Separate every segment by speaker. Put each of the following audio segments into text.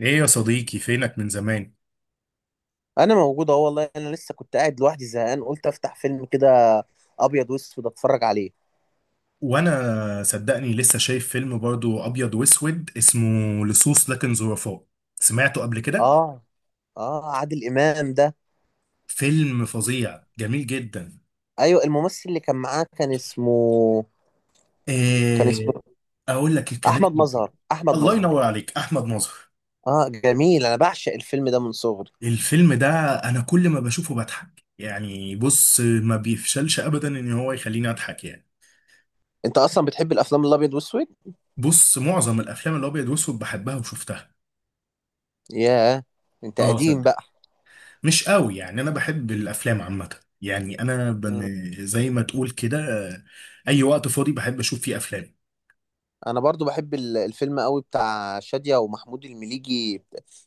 Speaker 1: ايه يا صديقي، فينك من زمان؟
Speaker 2: انا موجود اهو، والله انا لسه كنت قاعد لوحدي زهقان، قلت افتح فيلم كده ابيض واسود اتفرج عليه.
Speaker 1: وانا صدقني لسه شايف فيلم برضو ابيض واسود اسمه لصوص لكن ظرفاء. سمعته قبل كده؟
Speaker 2: اه، اه، عادل امام ده.
Speaker 1: فيلم فظيع، جميل جدا.
Speaker 2: ايوه، الممثل اللي كان معاه كان اسمه كان
Speaker 1: إيه؟
Speaker 2: اسمه
Speaker 1: اقول لك، كانت.
Speaker 2: احمد مظهر، احمد
Speaker 1: الله
Speaker 2: مظهر.
Speaker 1: ينور عليك، احمد ناظر.
Speaker 2: اه، جميل، انا بعشق الفيلم ده من صغري.
Speaker 1: الفيلم ده، انا كل ما بشوفه بضحك يعني. بص، ما بيفشلش ابدا ان هو يخليني اضحك يعني.
Speaker 2: انت اصلا بتحب الافلام الابيض واسود؟
Speaker 1: بص، معظم الافلام الابيض واسود بحبها وشفتها.
Speaker 2: ياه، انت
Speaker 1: اه،
Speaker 2: قديم
Speaker 1: صدق.
Speaker 2: بقى.
Speaker 1: مش قوي يعني، انا بحب الافلام عامه يعني.
Speaker 2: مم.
Speaker 1: زي ما تقول كده. آه، اي وقت فاضي بحب اشوف فيه افلام.
Speaker 2: انا برضو بحب الفيلم قوي بتاع شادية ومحمود المليجي،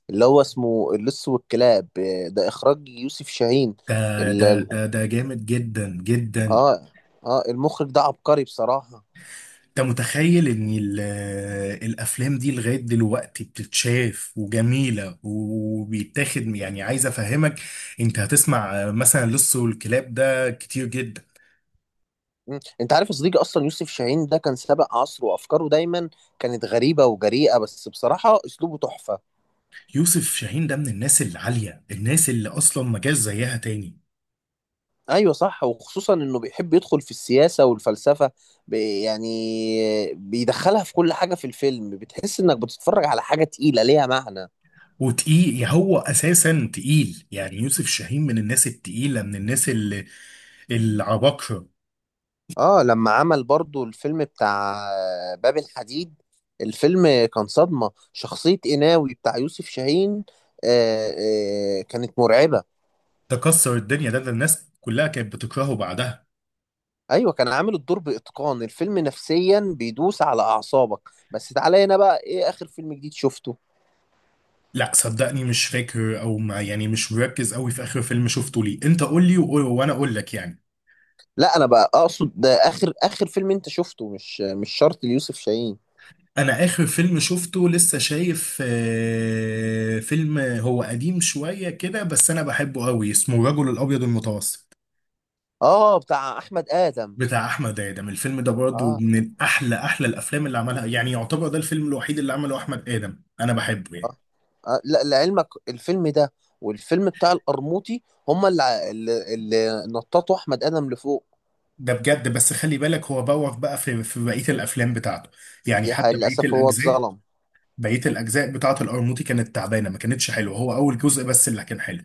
Speaker 2: اللي هو اسمه اللص والكلاب. ده اخراج يوسف شاهين.
Speaker 1: ده ده
Speaker 2: ال-
Speaker 1: ده ده جامد جدا جدا.
Speaker 2: اه، اه، المخرج ده عبقري بصراحة.
Speaker 1: انت متخيل ان الافلام دي لغايه دلوقتي بتتشاف وجميله، وبيتاخد يعني، عايز افهمك. انت هتسمع مثلا لص والكلاب ده كتير جدا.
Speaker 2: مم. انت عارف يا صديقي، اصلا يوسف شاهين ده كان سابق عصره، وافكاره دايما كانت غريبة وجريئة، بس بصراحة اسلوبه تحفة.
Speaker 1: يوسف شاهين ده من الناس العاليه، الناس اللي اصلا ما جاش زيها تاني.
Speaker 2: ايوه صح، وخصوصا انه بيحب يدخل في السياسة والفلسفة، يعني بيدخلها في كل حاجة، في الفيلم بتحس انك بتتفرج على حاجة تقيلة ليها معنى.
Speaker 1: وتقيل يعني، هو اساسا تقيل. يعني يوسف شاهين من الناس التقيله، من الناس اللي العباقره.
Speaker 2: اه، لما عمل برضو الفيلم بتاع باب الحديد، الفيلم كان صدمة، شخصية قناوي بتاع يوسف شاهين، آه، آه، كانت مرعبة.
Speaker 1: تكسر الدنيا ده الناس كلها كانت بتكرهه بعدها.
Speaker 2: ايوه، كان عامل الدور باتقان، الفيلم نفسيا بيدوس على اعصابك. بس تعالى هنا بقى، ايه اخر فيلم جديد شفته؟
Speaker 1: لا صدقني، مش فاكر، او ما يعني مش مركز قوي في اخر فيلم شفته ليه. انت قول لي وانا اقول لك يعني.
Speaker 2: لا، انا بقى اقصد ده اخر اخر فيلم انت شفته، مش شرط ليوسف شاهين.
Speaker 1: انا اخر فيلم شفته لسه شايف فيلم هو قديم شويه كده بس انا بحبه قوي، اسمه الرجل الابيض المتوسط،
Speaker 2: اه، بتاع احمد ادم.
Speaker 1: بتاع احمد ادم. الفيلم ده برضه
Speaker 2: اه،
Speaker 1: من احلى احلى الافلام اللي عملها، يعني يعتبر ده الفيلم الوحيد اللي عمله احمد ادم. انا بحبه يعني،
Speaker 2: اه، آه لا، لعلمك الفيلم ده والفيلم بتاع القرموطي، هما اللي نططوا احمد ادم لفوق.
Speaker 1: ده بجد. بس خلي بالك، هو بوخ بقى في بقيه الافلام بتاعته. يعني
Speaker 2: دي حقيقة،
Speaker 1: حتى بقيه
Speaker 2: للاسف هو
Speaker 1: الاجزاء،
Speaker 2: اتظلم.
Speaker 1: بقيه الاجزاء بتاعه القرموطي كانت تعبانه، ما كانتش حلوه. هو اول جزء بس اللي كان حلو.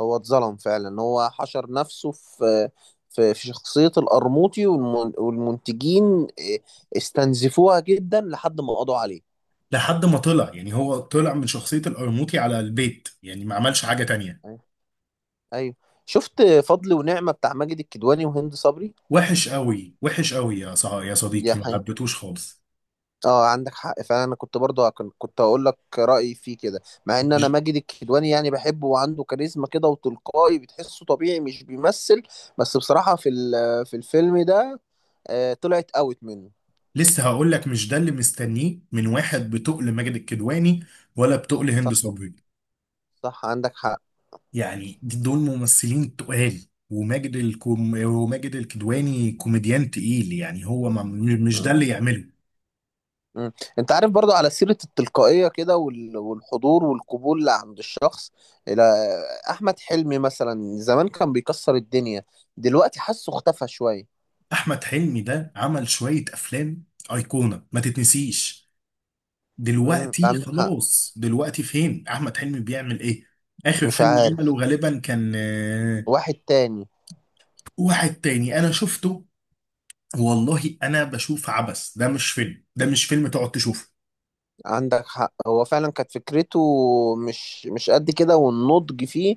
Speaker 2: هو اتظلم فعلا، هو حشر نفسه في شخصية القرموطي، والمنتجين استنزفوها جدا لحد ما قضوا عليه.
Speaker 1: لحد ما طلع، يعني هو طلع من شخصيه القرموطي على البيت، يعني ما عملش حاجه تانية.
Speaker 2: ايوه، أيوه. شفت فضل ونعمة بتاع ماجد الكدواني وهند صبري؟
Speaker 1: وحش قوي، وحش قوي، يا صح يا
Speaker 2: دي
Speaker 1: صديقي، ما
Speaker 2: حاجة.
Speaker 1: حبيتهوش خالص.
Speaker 2: اه، عندك حق فعلا، انا كنت برضه هكن- كنت هقول لك رأيي فيه كده، مع ان انا ماجد الكدواني يعني بحبه وعنده كاريزما كده وتلقائي، بتحسه طبيعي مش بيمثل. بس بصراحة في الفيلم ده، طلعت اوت منه.
Speaker 1: لسه هقول لك، مش ده اللي مستنيه من واحد بتقل ماجد الكدواني، ولا بتقل هند
Speaker 2: صح،
Speaker 1: صبري.
Speaker 2: صح، عندك حق.
Speaker 1: يعني دول ممثلين تقال. وماجد الكدواني كوميديان تقيل. يعني هو ما... م- مش ده اللي يعمله.
Speaker 2: مم. انت عارف برضو، على سيرة التلقائية كده والحضور والقبول اللي عند الشخص، الى احمد حلمي مثلا، زمان كان بيكسر الدنيا، دلوقتي حاسه اختفى شوية.
Speaker 1: احمد حلمي ده عمل شوية افلام ايقونة، ما تتنسيش.
Speaker 2: مم.
Speaker 1: دلوقتي
Speaker 2: عندك حق.
Speaker 1: خلاص، دلوقتي فين احمد حلمي؟ بيعمل ايه؟ اخر
Speaker 2: مش
Speaker 1: فيلم
Speaker 2: عارف.
Speaker 1: عمله غالبا كان.
Speaker 2: واحد تاني.
Speaker 1: واحد تاني انا شفته. والله انا بشوف عبث، ده مش فيلم، ده مش فيلم تقعد تشوفه.
Speaker 2: عندك حق، هو فعلا كانت فكرته مش قد كده، والنضج فيه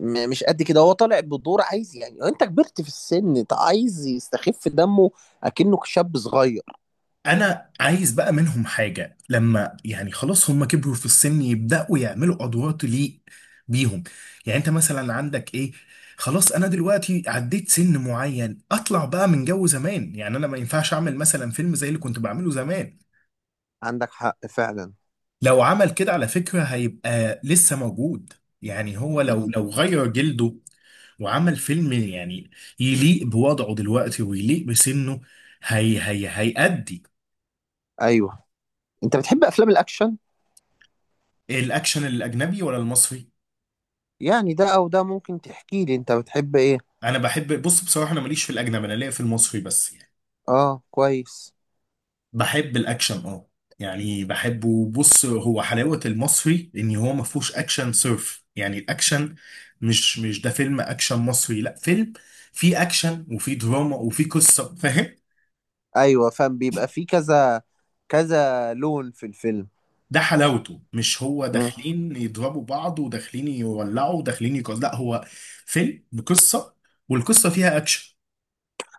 Speaker 2: مش قد كده، هو طالع بدور عايز يعني انت كبرت في السن انت عايز يستخف دمه اكنه شاب صغير.
Speaker 1: انا عايز بقى منهم حاجة، لما يعني خلاص هم كبروا في السن، يبدأوا يعملوا ادوار تليق بيهم. يعني انت مثلا عندك ايه؟ خلاص انا دلوقتي عديت سن معين، اطلع بقى من جو زمان. يعني انا ما ينفعش اعمل مثلا فيلم زي اللي كنت بعمله زمان.
Speaker 2: عندك حق فعلا.
Speaker 1: لو عمل كده على فكرة هيبقى لسه موجود. يعني هو
Speaker 2: مم.
Speaker 1: لو غير جلده وعمل فيلم يعني يليق بوضعه دلوقتي ويليق بسنه، هي هيأدي.
Speaker 2: ايوه. انت بتحب افلام الاكشن؟
Speaker 1: الأكشن الأجنبي ولا المصري؟
Speaker 2: يعني ده او ده، ممكن تحكي لي انت بتحب ايه؟
Speaker 1: أنا بحب، بص بصراحة أنا ماليش في الأجنبي، أنا ليا في المصري بس يعني.
Speaker 2: اه كويس.
Speaker 1: بحب الاكشن، اه. يعني بحبه. بص، هو حلاوة المصري ان هو ما فيهوش اكشن صرف. يعني الاكشن مش ده فيلم اكشن مصري. لا، فيلم فيه اكشن وفيه دراما وفيه قصة، فاهم؟
Speaker 2: ايوه فاهم، بيبقى فيه كذا كذا لون في الفيلم.
Speaker 1: ده حلاوته. مش هو
Speaker 2: مم.
Speaker 1: داخلين يضربوا بعض وداخلين يولعوا وداخلين يكسروا. لا، هو فيلم بقصة، والقصة فيها اكشن.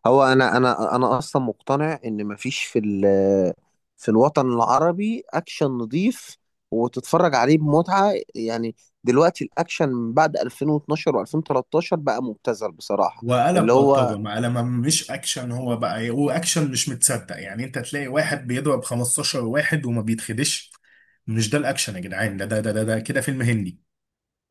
Speaker 2: هو انا اصلا مقتنع ان مفيش في الوطن العربي اكشن نظيف، وتتفرج عليه بمتعة يعني. دلوقتي الاكشن من بعد 2012 و2013 بقى مبتذل بصراحة.
Speaker 1: وقلب
Speaker 2: اللي هو.
Speaker 1: بلطجة ما، لما مش اكشن. هو بقى إيه، هو اكشن مش متصدق. يعني انت تلاقي واحد بيضرب 15 واحد وما بيتخدش. مش ده الاكشن يا جدعان، ده كده فيلم هندي.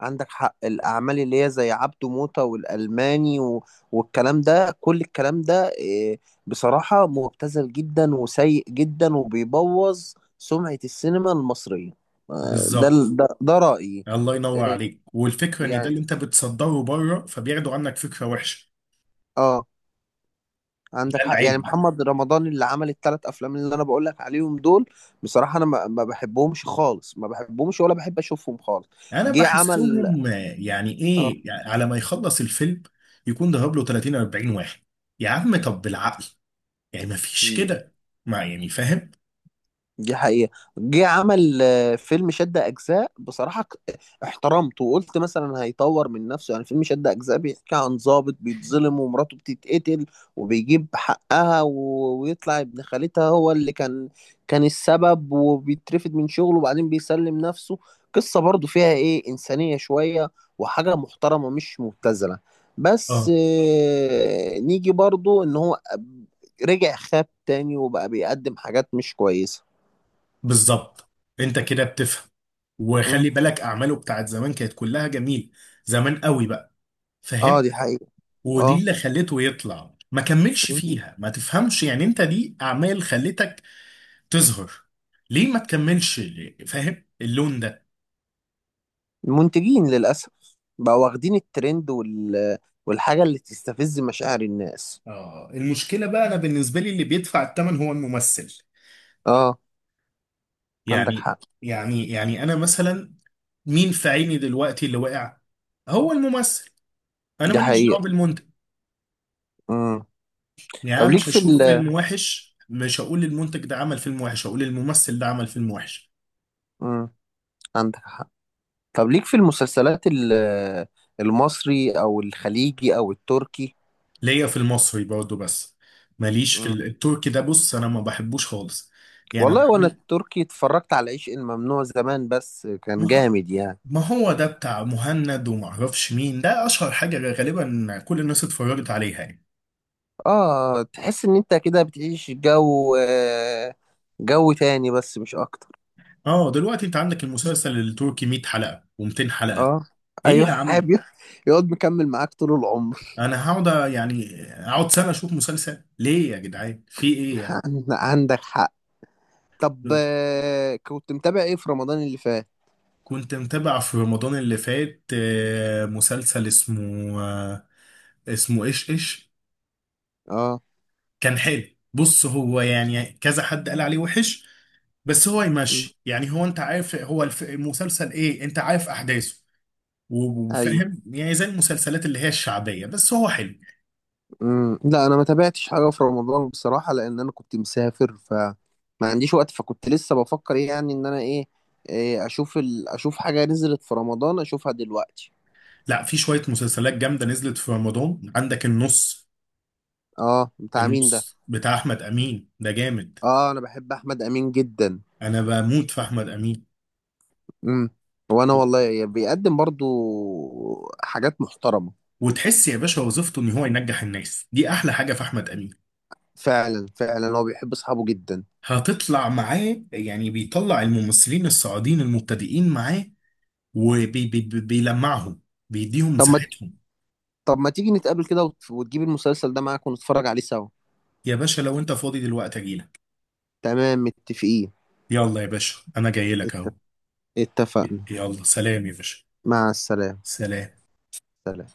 Speaker 2: عندك حق، الأعمال اللي هي زي عبده موتة والألماني و... والكلام ده، كل الكلام ده، بصراحة مبتذل جدا وسيء جدا وبيبوظ سمعة السينما المصرية. ده
Speaker 1: بالظبط.
Speaker 2: ال- ده, ده رأيي.
Speaker 1: الله ينور
Speaker 2: آه،
Speaker 1: عليك. والفكره ان ده
Speaker 2: يعني
Speaker 1: اللي انت بتصدره بره، فبياخدوا عنك فكره وحشه.
Speaker 2: اه
Speaker 1: ده
Speaker 2: عندك حق، يعني
Speaker 1: العيب بقى.
Speaker 2: محمد رمضان اللي عمل الثلاث أفلام اللي أنا بقول لك عليهم دول، بصراحة أنا ما بحبهمش خالص، ما بحبهمش ولا بحب أشوفهم خالص.
Speaker 1: انا
Speaker 2: جه عمل.
Speaker 1: بحسهم يعني ايه؟ يعني على ما يخلص الفيلم يكون ضرب له 30 40 واحد. يا عم طب بالعقل، يعني ما فيش
Speaker 2: اه،
Speaker 1: كده، ما يعني، فاهم؟
Speaker 2: دي حقيقة. جه عمل فيلم شد أجزاء، بصراحة احترمته وقلت مثلا هيطور من نفسه، يعني فيلم شد أجزاء بيحكي عن ضابط بيتظلم ومراته بتتقتل، وبيجيب حقها ويطلع ابن خالتها هو اللي كان السبب، وبيترفد من شغله وبعدين بيسلم نفسه. قصة برضو فيها إنسانية شوية، وحاجة محترمة مش مبتذلة. بس
Speaker 1: اه،
Speaker 2: نيجي برضو إن هو رجع خاب تاني، وبقى بيقدم حاجات مش كويسة.
Speaker 1: بالظبط. انت كده بتفهم.
Speaker 2: مم.
Speaker 1: وخلي بالك، اعماله بتاعت زمان كانت كلها جميله، زمان قوي بقى،
Speaker 2: اه،
Speaker 1: فاهم؟
Speaker 2: دي حقيقة.
Speaker 1: ودي
Speaker 2: اه.
Speaker 1: اللي خليته يطلع. ما كملش
Speaker 2: مم.
Speaker 1: فيها، ما تفهمش؟ يعني انت دي اعمال خلتك تظهر، ليه ما تكملش ليه؟ فاهم اللون ده؟
Speaker 2: المنتجين للأسف بقوا واخدين الترند وال... والحاجة اللي تستفز مشاعر الناس.
Speaker 1: اه المشكلة بقى، انا بالنسبة لي اللي بيدفع الثمن هو الممثل.
Speaker 2: اه، عندك
Speaker 1: يعني
Speaker 2: حق،
Speaker 1: يعني انا مثلا، مين في عيني دلوقتي اللي وقع؟ هو الممثل، انا
Speaker 2: دي
Speaker 1: ماليش دعوة
Speaker 2: حقيقة.
Speaker 1: بالمنتج.
Speaker 2: مم. طب
Speaker 1: يعني انا
Speaker 2: ليك
Speaker 1: مش
Speaker 2: في
Speaker 1: هشوف
Speaker 2: ال...
Speaker 1: فيلم وحش مش هقول المنتج ده عمل فيلم وحش، هقول الممثل ده عمل فيلم وحش.
Speaker 2: مم. عندك حق. طب ليك في المسلسلات ال... المصري أو الخليجي أو التركي؟
Speaker 1: ليا في المصري برضه بس، ماليش في
Speaker 2: مم.
Speaker 1: التركي. ده بص انا ما بحبوش خالص. يعني أنا
Speaker 2: والله وأنا
Speaker 1: عن-
Speaker 2: التركي اتفرجت على عشق الممنوع زمان، بس كان
Speaker 1: ما هو
Speaker 2: جامد يعني.
Speaker 1: ما هو ده بتاع مهند وما اعرفش مين، ده اشهر حاجة غالبا كل الناس اتفرجت عليها يعني.
Speaker 2: اه، تحس إن أنت كده بتعيش جو تاني بس مش أكتر.
Speaker 1: اه دلوقتي انت عندك المسلسل التركي 100 حلقة و200 حلقة.
Speaker 2: اه.
Speaker 1: ايه
Speaker 2: ايوه،
Speaker 1: يا عم؟
Speaker 2: حابب يقعد مكمل معاك طول العمر.
Speaker 1: انا يعني اقعد سنة اشوف مسلسل ليه يا جدعان، في ايه يعني؟
Speaker 2: عندك حق. طب، كنت متابع ايه في رمضان اللي فات؟
Speaker 1: كنت متابع في رمضان اللي فات مسلسل اسمه اسمه ايش ايش.
Speaker 2: اه.
Speaker 1: كان حلو. بص هو يعني كذا حد قال عليه وحش بس هو
Speaker 2: م.
Speaker 1: يمشي. يعني هو انت عارف، هو المسلسل ايه، انت عارف احداثه و-
Speaker 2: ايوه.
Speaker 1: وفاهم، يعني زي المسلسلات اللي هي الشعبية. بس هو حلو.
Speaker 2: م. لا، انا ما تابعتش حاجه في رمضان بصراحه، لان انا كنت مسافر فما عنديش وقت، فكنت لسه بفكر ايه يعني، ان انا ايه، إيه، اشوف حاجه نزلت في رمضان اشوفها دلوقتي.
Speaker 1: لا في شوية مسلسلات جامدة نزلت في رمضان، عندك النص.
Speaker 2: اه، بتاع مين ده؟
Speaker 1: النص بتاع احمد امين ده جامد.
Speaker 2: اه، انا بحب احمد امين جدا.
Speaker 1: انا بموت في احمد امين.
Speaker 2: امم. وانا والله بيقدم برضو حاجات محترمه.
Speaker 1: وتحس يا باشا وظيفته ان هو ينجح الناس، دي احلى حاجة في احمد امين.
Speaker 2: فعلا، فعلا، هو بيحب اصحابه جدا.
Speaker 1: هتطلع معاه، يعني بيطلع الممثلين الصاعدين المبتدئين معاه وبيلمعهم، بيديهم
Speaker 2: طب ما
Speaker 1: مساحتهم.
Speaker 2: طب ما تيجي نتقابل كده وتجيب المسلسل ده معاك ونتفرج عليه سوا؟
Speaker 1: يا باشا لو انت فاضي دلوقتي اجيلك.
Speaker 2: تمام، متفقين.
Speaker 1: يلا يا باشا انا جاي لك اهو.
Speaker 2: اتف- اتفقنا.
Speaker 1: يلا سلام يا باشا.
Speaker 2: مع السلامة.
Speaker 1: سلام.
Speaker 2: سلام.